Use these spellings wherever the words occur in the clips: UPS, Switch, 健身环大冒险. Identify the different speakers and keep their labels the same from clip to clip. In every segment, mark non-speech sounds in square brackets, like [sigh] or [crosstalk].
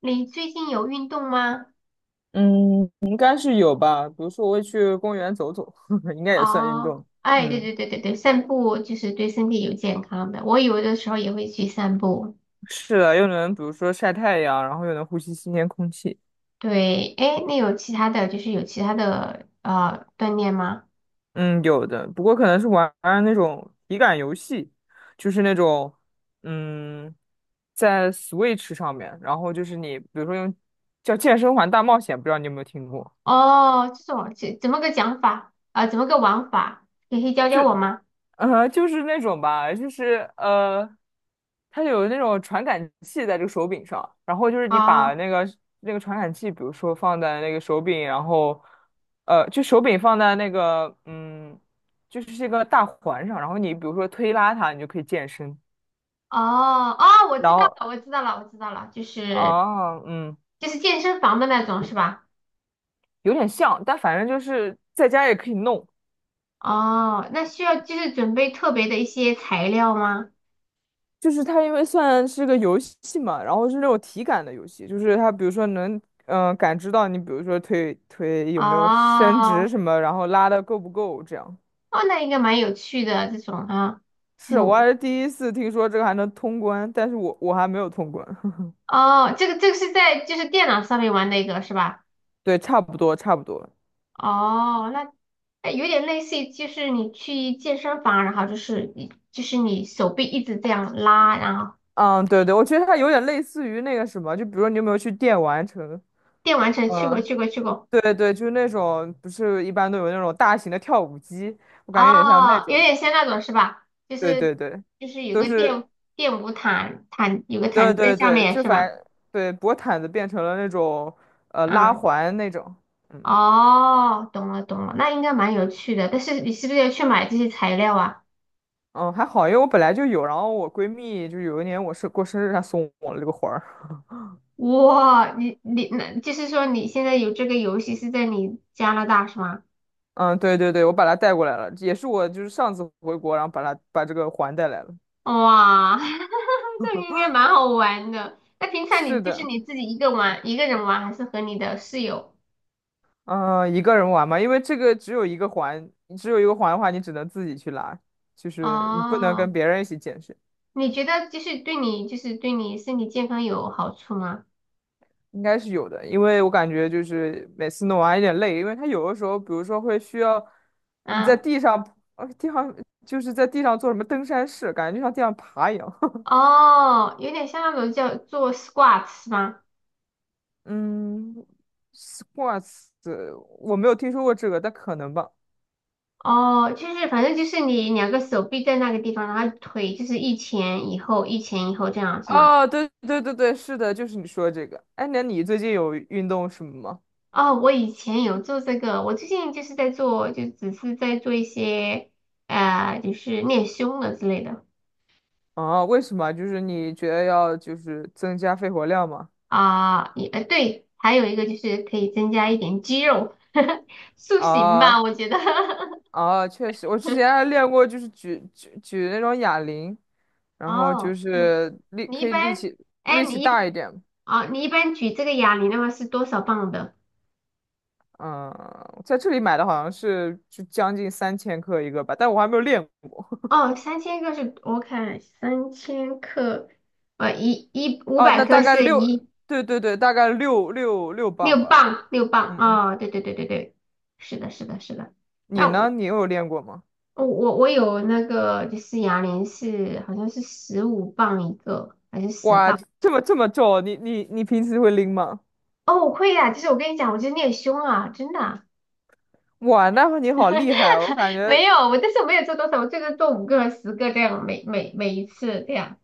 Speaker 1: 你最近有运动吗？
Speaker 2: 嗯，应该是有吧。比如说，我会去公园走走，[laughs] 应该也算运
Speaker 1: 哦，
Speaker 2: 动。
Speaker 1: 哎，对
Speaker 2: 嗯，
Speaker 1: 对对对对，散步就是对身体有健康的。我有的时候也会去散步。
Speaker 2: 是的，又能比如说晒太阳，然后又能呼吸新鲜空气。
Speaker 1: 对，哎，那有其他的锻炼吗？
Speaker 2: 嗯，有的。不过可能是玩玩那种体感游戏，就是那种嗯，在 Switch 上面，然后就是你比如说用叫《健身环大冒险》，不知道你有没有听过？
Speaker 1: 哦，这种这怎么个讲法啊、呃怎么个玩法？你可以教
Speaker 2: 就。
Speaker 1: 教我吗？
Speaker 2: 就是那种吧，它有那种传感器在这个手柄上，然后就是你把
Speaker 1: 哦
Speaker 2: 那个传感器，比如说放在那个手柄，然后就手柄放在那个就是这个大环上，然后你比如说推拉它，你就可以健身。
Speaker 1: 哦哦，我
Speaker 2: 然
Speaker 1: 知道
Speaker 2: 后
Speaker 1: 了，我知道了，我知道了，就是
Speaker 2: 啊，
Speaker 1: 就是健身房的那种是吧？
Speaker 2: 有点像，但反正就是在家也可以弄。
Speaker 1: 哦，那需要就是准备特别的一些材料吗？
Speaker 2: 就是它因为算是个游戏嘛，然后是那种体感的游戏，就是它比如说能感知到你，比如说腿有没有伸直
Speaker 1: 哦
Speaker 2: 什么，然后拉的够不够这样。
Speaker 1: 哦，那应该蛮有趣的这种啊。这
Speaker 2: 是，我还
Speaker 1: 种
Speaker 2: 是第一次听说这个还能通关，但是我还没有通关。[laughs]
Speaker 1: 哦，这个是在就是电脑上面玩的一个是吧？
Speaker 2: 对，差不多，差不多。
Speaker 1: 哦，那哎有点类似于就是你去健身房，然后就是你手臂一直这样拉，然后
Speaker 2: 嗯，对对，我觉得它有点类似于那个什么，就比如说你有没有去电玩城？
Speaker 1: 电玩城去过
Speaker 2: 嗯，
Speaker 1: 去过去过。
Speaker 2: 对对，就是那种不是一般都有那种大型的跳舞机，我感觉有点像那
Speaker 1: 哦，有
Speaker 2: 种。
Speaker 1: 点像那种是吧？就
Speaker 2: 对
Speaker 1: 是
Speaker 2: 对对，
Speaker 1: 就是有
Speaker 2: 都
Speaker 1: 个
Speaker 2: 是
Speaker 1: 电舞毯有个毯
Speaker 2: 对
Speaker 1: 子在
Speaker 2: 对
Speaker 1: 下
Speaker 2: 对，
Speaker 1: 面是吧？
Speaker 2: 对薄毯子变成了那种拉
Speaker 1: 嗯，
Speaker 2: 环那种，嗯
Speaker 1: 哦，懂了懂了，那应该蛮有趣的，但是你是不是要去买这些材料啊？
Speaker 2: 嗯还好，因为我本来就有，然后我闺蜜就有一年我是过生日，她送我了这个环儿，
Speaker 1: 哇，你那就是说你现在有这个游戏是在你加拿大是吗？
Speaker 2: 嗯对对对，我把它带过来了，也是我就是上次回国，然后把它把这个环带来了。
Speaker 1: 哇，[laughs] 那应该蛮好玩的。那平常你
Speaker 2: 是
Speaker 1: 就是
Speaker 2: 的，
Speaker 1: 你自己一个人玩，还是和你的室友？
Speaker 2: 嗯、一个人玩嘛，因为这个只有一个环，只有一个环的话，你只能自己去拉，就是你不能
Speaker 1: 哦，
Speaker 2: 跟别人一起健身。
Speaker 1: 你觉得就是对你就是对你身体健康有好处吗？
Speaker 2: 应该是有的，因为我感觉就是每次弄完有点累，因为它有的时候，比如说会需要你在
Speaker 1: 嗯，
Speaker 2: 地上，呃，地上就是在地上做什么登山式，感觉就像地上爬一样。[laughs]
Speaker 1: 哦，有点像那种叫做 squat 是吗？
Speaker 2: 嗯，squats，我没有听说过这个，但可能吧。
Speaker 1: 哦，就是反正就是你两个手臂在那个地方，然后腿就是一前一后，一前一后这样是吗？
Speaker 2: 哦，对对对对，是的，就是你说的这个。哎，那你最近有运动什么吗？
Speaker 1: 哦，我以前有做这个，我最近就是在做，就只是在做一些，就是练胸的之类的。
Speaker 2: 啊，为什么？就是你觉得要就是增加肺活量吗？
Speaker 1: 啊，对，还有一个就是可以增加一点肌肉，[laughs] 塑形
Speaker 2: 啊，
Speaker 1: 吧，我觉得。
Speaker 2: 啊，确实，我之前
Speaker 1: [laughs]
Speaker 2: 还练过，就是举那种哑铃，然后就
Speaker 1: 哦，嗯，
Speaker 2: 是力
Speaker 1: 你一
Speaker 2: 可以力
Speaker 1: 般，
Speaker 2: 气
Speaker 1: 哎，
Speaker 2: 力气
Speaker 1: 你
Speaker 2: 大一
Speaker 1: 一
Speaker 2: 点。
Speaker 1: 哦，你一般举这个哑铃的话是多少磅的？
Speaker 2: 嗯，在这里买的好像是就将近3千克一个吧，但我还没有练过。
Speaker 1: 哦，三千克是，我看三千克，一五
Speaker 2: 啊，
Speaker 1: 百
Speaker 2: 那
Speaker 1: 克
Speaker 2: 大概
Speaker 1: 是
Speaker 2: 六，
Speaker 1: 一。
Speaker 2: 对对对，大概6磅
Speaker 1: 六
Speaker 2: 吧。
Speaker 1: 磅，六磅
Speaker 2: 嗯嗯，
Speaker 1: 啊！哦对对对对对，是的，是的，是的。那
Speaker 2: 你呢？
Speaker 1: 我
Speaker 2: 你有练过吗？
Speaker 1: 我我有那个就是哑铃是好像是15磅一个，还是十
Speaker 2: 哇，
Speaker 1: 磅？
Speaker 2: 这么重，你平时会拎吗？
Speaker 1: 哦，我会呀，就是我跟你讲，我就你练胸啊，真的啊。
Speaker 2: 哇，那你好厉害
Speaker 1: [laughs]
Speaker 2: 哦，我感觉
Speaker 1: 没有，但是我没有做多少，我最多做五个、十个这样，每一次这样。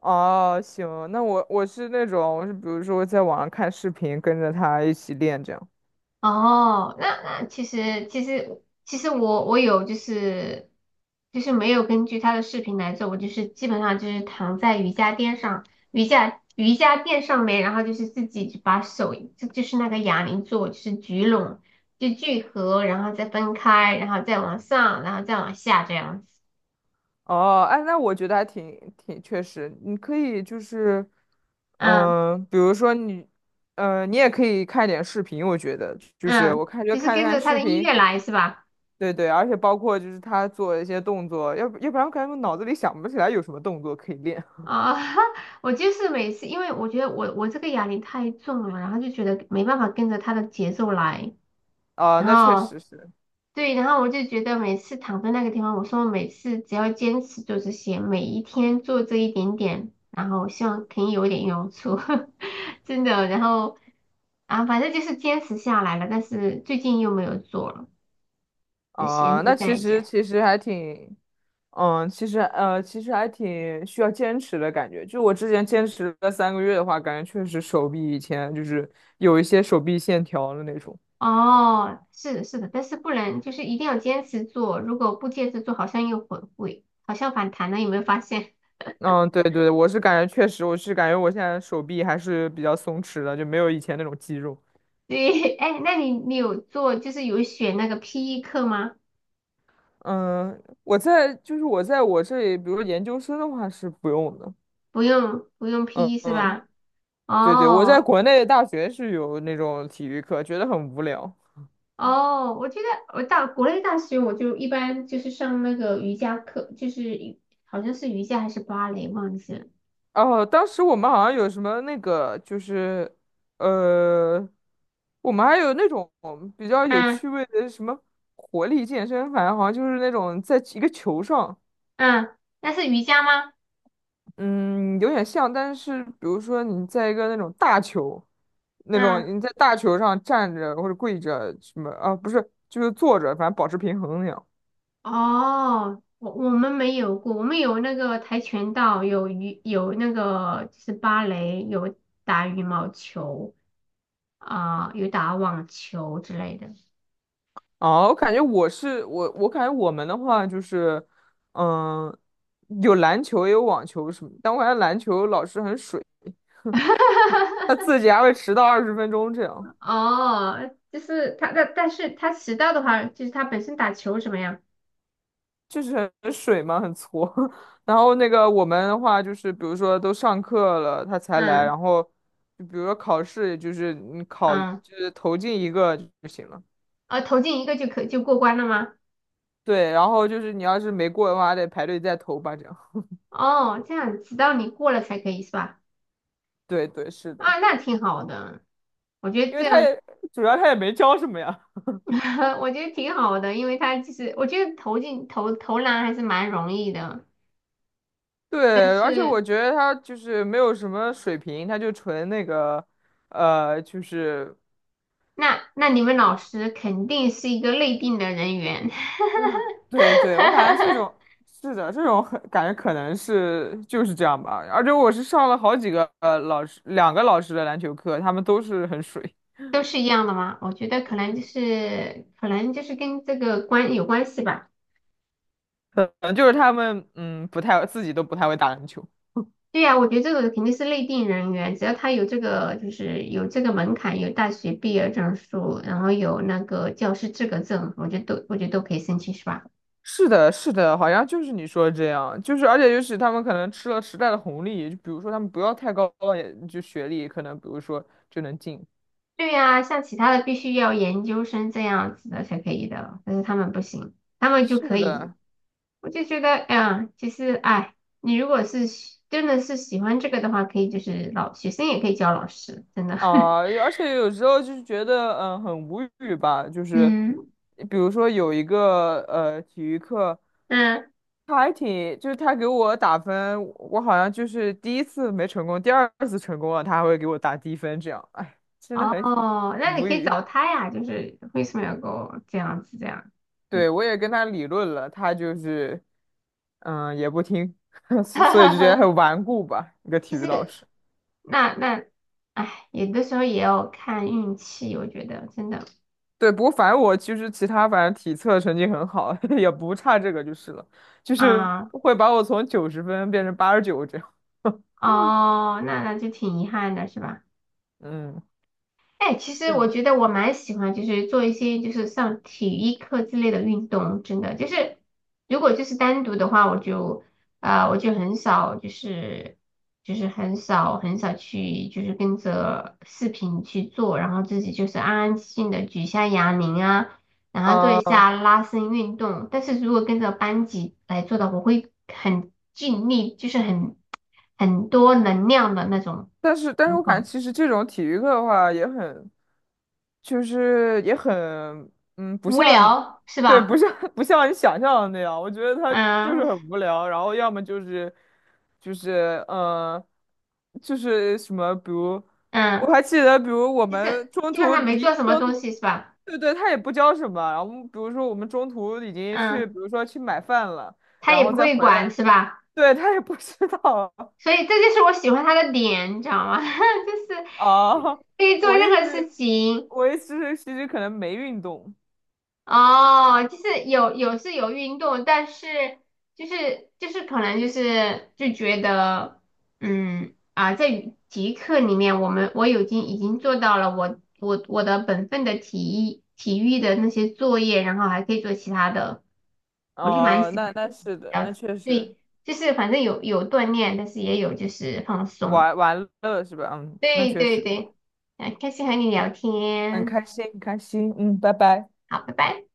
Speaker 2: 哦，行，那我是那种，我是比如说在网上看视频，跟着他一起练这样。
Speaker 1: 哦，那其实我有就是没有根据他的视频来做，我就是基本上就是躺在瑜伽垫上，瑜伽垫上面，然后就是自己就把手就是那个哑铃做，就是聚拢就聚合，然后再分开，然后再往上，然后再往下这样子。
Speaker 2: 哦，哎，那我觉得还挺确实，你可以就是，
Speaker 1: 嗯
Speaker 2: 比如说你，你也可以看点视频，我觉得就是我
Speaker 1: 嗯，
Speaker 2: 看
Speaker 1: 就是
Speaker 2: 看
Speaker 1: 跟
Speaker 2: 看
Speaker 1: 着他
Speaker 2: 视
Speaker 1: 的音
Speaker 2: 频，
Speaker 1: 乐来是吧？
Speaker 2: 对对，而且包括就是他做一些动作，要不然我感觉我脑子里想不起来有什么动作可以练。
Speaker 1: 啊，[laughs] 我就是每次，因为我觉得我这个哑铃太重了，然后就觉得没办法跟着他的节奏来，
Speaker 2: 啊、
Speaker 1: 然
Speaker 2: 那确
Speaker 1: 后
Speaker 2: 实是。
Speaker 1: 对，然后我就觉得每次躺在那个地方，我说我每次只要坚持做这些，每一天做这一点点，然后希望可以有一点用处。[laughs] 真的，然后啊，反正就是坚持下来了，但是最近又没有做了，就闲
Speaker 2: 啊、
Speaker 1: 置
Speaker 2: 那其
Speaker 1: 在
Speaker 2: 实
Speaker 1: 家。
Speaker 2: 其实还挺，其实还挺需要坚持的感觉。就我之前坚持了3个月的话，感觉确实手臂以前就是有一些手臂线条的那种。
Speaker 1: 哦，是的，是的，但是不能，就是一定要坚持做。如果不坚持做，好像又会，好像反弹了，有没有发现？
Speaker 2: 嗯，对对，我是感觉确实，我是感觉我现在手臂还是比较松弛的，就没有以前那种肌肉。
Speaker 1: [laughs] 对，哎，那你有做，就是有选那个 PE 课吗？
Speaker 2: 嗯，我在我这里，比如研究生的话是不用的。
Speaker 1: 不用，不用
Speaker 2: 嗯
Speaker 1: PE 是
Speaker 2: 嗯，
Speaker 1: 吧？
Speaker 2: 对对，我在
Speaker 1: 哦
Speaker 2: 国内大学是有那种体育课，觉得很无聊。
Speaker 1: 哦，我觉得我到国内大学，我就一般就是上那个瑜伽课，就是瑜好像是瑜伽还是芭蕾，忘记了。
Speaker 2: 哦，当时我们好像有什么那个，就是，呃，我们还有那种比较有
Speaker 1: 嗯
Speaker 2: 趣味的什么活力健身，反正好像就是那种在一个球上，
Speaker 1: 嗯，那是瑜伽吗？
Speaker 2: 嗯，有点像，但是比如说你在一个那种大球，那种
Speaker 1: 嗯。
Speaker 2: 你在大球上站着或者跪着什么啊，不是，就是坐着，反正保持平衡那样。
Speaker 1: 哦，我们没有过，我们有那个跆拳道，有那个就是芭蕾，有打羽毛球啊、有打网球之类的。
Speaker 2: 哦，我感觉我感觉我们的话就是，嗯，有篮球也有网球什么，但我感觉篮球老师很水，他自
Speaker 1: [laughs]
Speaker 2: 己还会迟到20分钟这样，
Speaker 1: 哦，就是他，但是他迟到的话，就是他本身打球怎么样？
Speaker 2: 就是很水嘛，很挫。[laughs] 然后那个我们的话就是，比如说都上课了他才来，
Speaker 1: 嗯
Speaker 2: 然后就比如说考试，就是
Speaker 1: 嗯，
Speaker 2: 投进一个就行了。
Speaker 1: 啊，投进一个就过关了吗？
Speaker 2: 对，然后就是你要是没过的话，还得排队再投吧，这样。[laughs]
Speaker 1: 哦，这样直到你过了才可以是吧？
Speaker 2: 对对，是的，
Speaker 1: 啊，那挺好的，我觉得
Speaker 2: 因为
Speaker 1: 这样。
Speaker 2: 主要他也没教什么呀。
Speaker 1: [laughs] 我觉得挺好的，因为他就是，我觉得投篮还是蛮容易的，但
Speaker 2: 对，而且我
Speaker 1: 是
Speaker 2: 觉得他就是没有什么水平，他就纯那个，呃，就是，
Speaker 1: 那你们老师肯定是一个内定的人员。
Speaker 2: 嗯，对对，我感觉这种是的，这种很感觉可能是就是这样吧。而且我是上了好几个老师，两个老师的篮球课，他们都是很水，
Speaker 1: [laughs] 都是一样的吗？我觉得可能就是跟这个有关系吧。
Speaker 2: 可能就是他们不太会打篮球。
Speaker 1: 对呀，我觉得这个肯定是内定人员，只要他有这个门槛，有大学毕业证书，然后有那个教师资格证，我觉得都可以申请，是吧？
Speaker 2: 是的，是的，好像就是你说的这样，就是而且就是他们可能吃了时代的红利，就比如说他们不要太高的就学历，可能比如说就能进。
Speaker 1: 对呀、像其他的必须要研究生这样子的才可以的，但是他们不行，他们就可
Speaker 2: 是
Speaker 1: 以。
Speaker 2: 的。
Speaker 1: 我就觉得，哎呀，其实，哎，你如果真的是喜欢这个的话，可以就是老学生也可以教老师，真的。
Speaker 2: 啊，
Speaker 1: [laughs]
Speaker 2: 而且有时候就是觉得，嗯，很无语吧。就是，
Speaker 1: 嗯，
Speaker 2: 比如说有一个体育课，
Speaker 1: 嗯，
Speaker 2: 他还挺，就是他给我打分，我好像就是第一次没成功，第二次成功了，他还会给我打低分，这样，哎，真的很
Speaker 1: 哦，那你
Speaker 2: 无
Speaker 1: 可以
Speaker 2: 语。
Speaker 1: 找他呀，就是为什么要给我这样子这样？对，
Speaker 2: 对，我也跟他理论了，他就是，嗯，也不听，[laughs] 所以就觉得
Speaker 1: [laughs]
Speaker 2: 很顽固吧，一个体
Speaker 1: 其
Speaker 2: 育老
Speaker 1: 实
Speaker 2: 师。
Speaker 1: 那，哎，有的时候也要看运气，我觉得真的
Speaker 2: 对，不过反正我其实其他，反正体测成绩很好，[laughs] 也不差这个就是了，就是
Speaker 1: 啊。
Speaker 2: 会把我从90分变成89这样。[laughs]
Speaker 1: 哦，那就挺遗憾的，是吧？
Speaker 2: 嗯，
Speaker 1: 哎，其实我
Speaker 2: 是，
Speaker 1: 觉得我蛮喜欢，就是做一些就是上体育课之类的运动，真的就是如果就是单独的话，我就很少就是很少很少去就是跟着视频去做，然后自己就是安安静静的举一下哑铃啊，然后做一
Speaker 2: 啊、
Speaker 1: 下拉伸运动。但是如果跟着班级来做的，我会很尽力，就是很多能量的那种
Speaker 2: 但是
Speaker 1: 情
Speaker 2: 我感觉
Speaker 1: 况。
Speaker 2: 其实这种体育课的话也很，就是也很，嗯，不
Speaker 1: 无
Speaker 2: 像，
Speaker 1: 聊是
Speaker 2: 对，不
Speaker 1: 吧？
Speaker 2: 像 [laughs] 不像你想象的那样。我觉得他就是
Speaker 1: 嗯
Speaker 2: 很无聊，然后要么就是就是嗯，就是什么，比如我
Speaker 1: 嗯，
Speaker 2: 还记得，比如我
Speaker 1: 就是
Speaker 2: 们
Speaker 1: 基本上没做什么
Speaker 2: 中
Speaker 1: 东
Speaker 2: 途，
Speaker 1: 西是吧？
Speaker 2: 对对，他也不教什么。然后比如说我们中途已经去，
Speaker 1: 嗯，
Speaker 2: 比如说去买饭了，
Speaker 1: 他
Speaker 2: 然
Speaker 1: 也
Speaker 2: 后
Speaker 1: 不
Speaker 2: 再
Speaker 1: 会
Speaker 2: 回
Speaker 1: 管
Speaker 2: 来，
Speaker 1: 是吧？
Speaker 2: 对，他也不知道
Speaker 1: 所以这就是我喜欢他的点，你知道吗？
Speaker 2: [laughs]
Speaker 1: [laughs] 就是
Speaker 2: 啊。
Speaker 1: 可以做
Speaker 2: 我意思
Speaker 1: 任何事
Speaker 2: 是，
Speaker 1: 情。
Speaker 2: 我意一是，其实可能没运动。
Speaker 1: 哦，就是有有是有运动，但是可能就是就觉得，嗯啊，在体育课里面，我已经做到了我的本分的体育的那些作业，然后还可以做其他的。我就蛮
Speaker 2: 哦，
Speaker 1: 喜欢
Speaker 2: 那
Speaker 1: 这
Speaker 2: 那
Speaker 1: 种
Speaker 2: 是
Speaker 1: 比
Speaker 2: 的，那
Speaker 1: 较
Speaker 2: 确实
Speaker 1: 对，就是反正有锻炼，但是也有就是放松。
Speaker 2: 玩玩乐是吧？嗯，那
Speaker 1: 对
Speaker 2: 确
Speaker 1: 对
Speaker 2: 实
Speaker 1: 对，很开心和你聊
Speaker 2: 很
Speaker 1: 天，
Speaker 2: 开心，很开心。嗯，拜拜。
Speaker 1: 好，拜拜。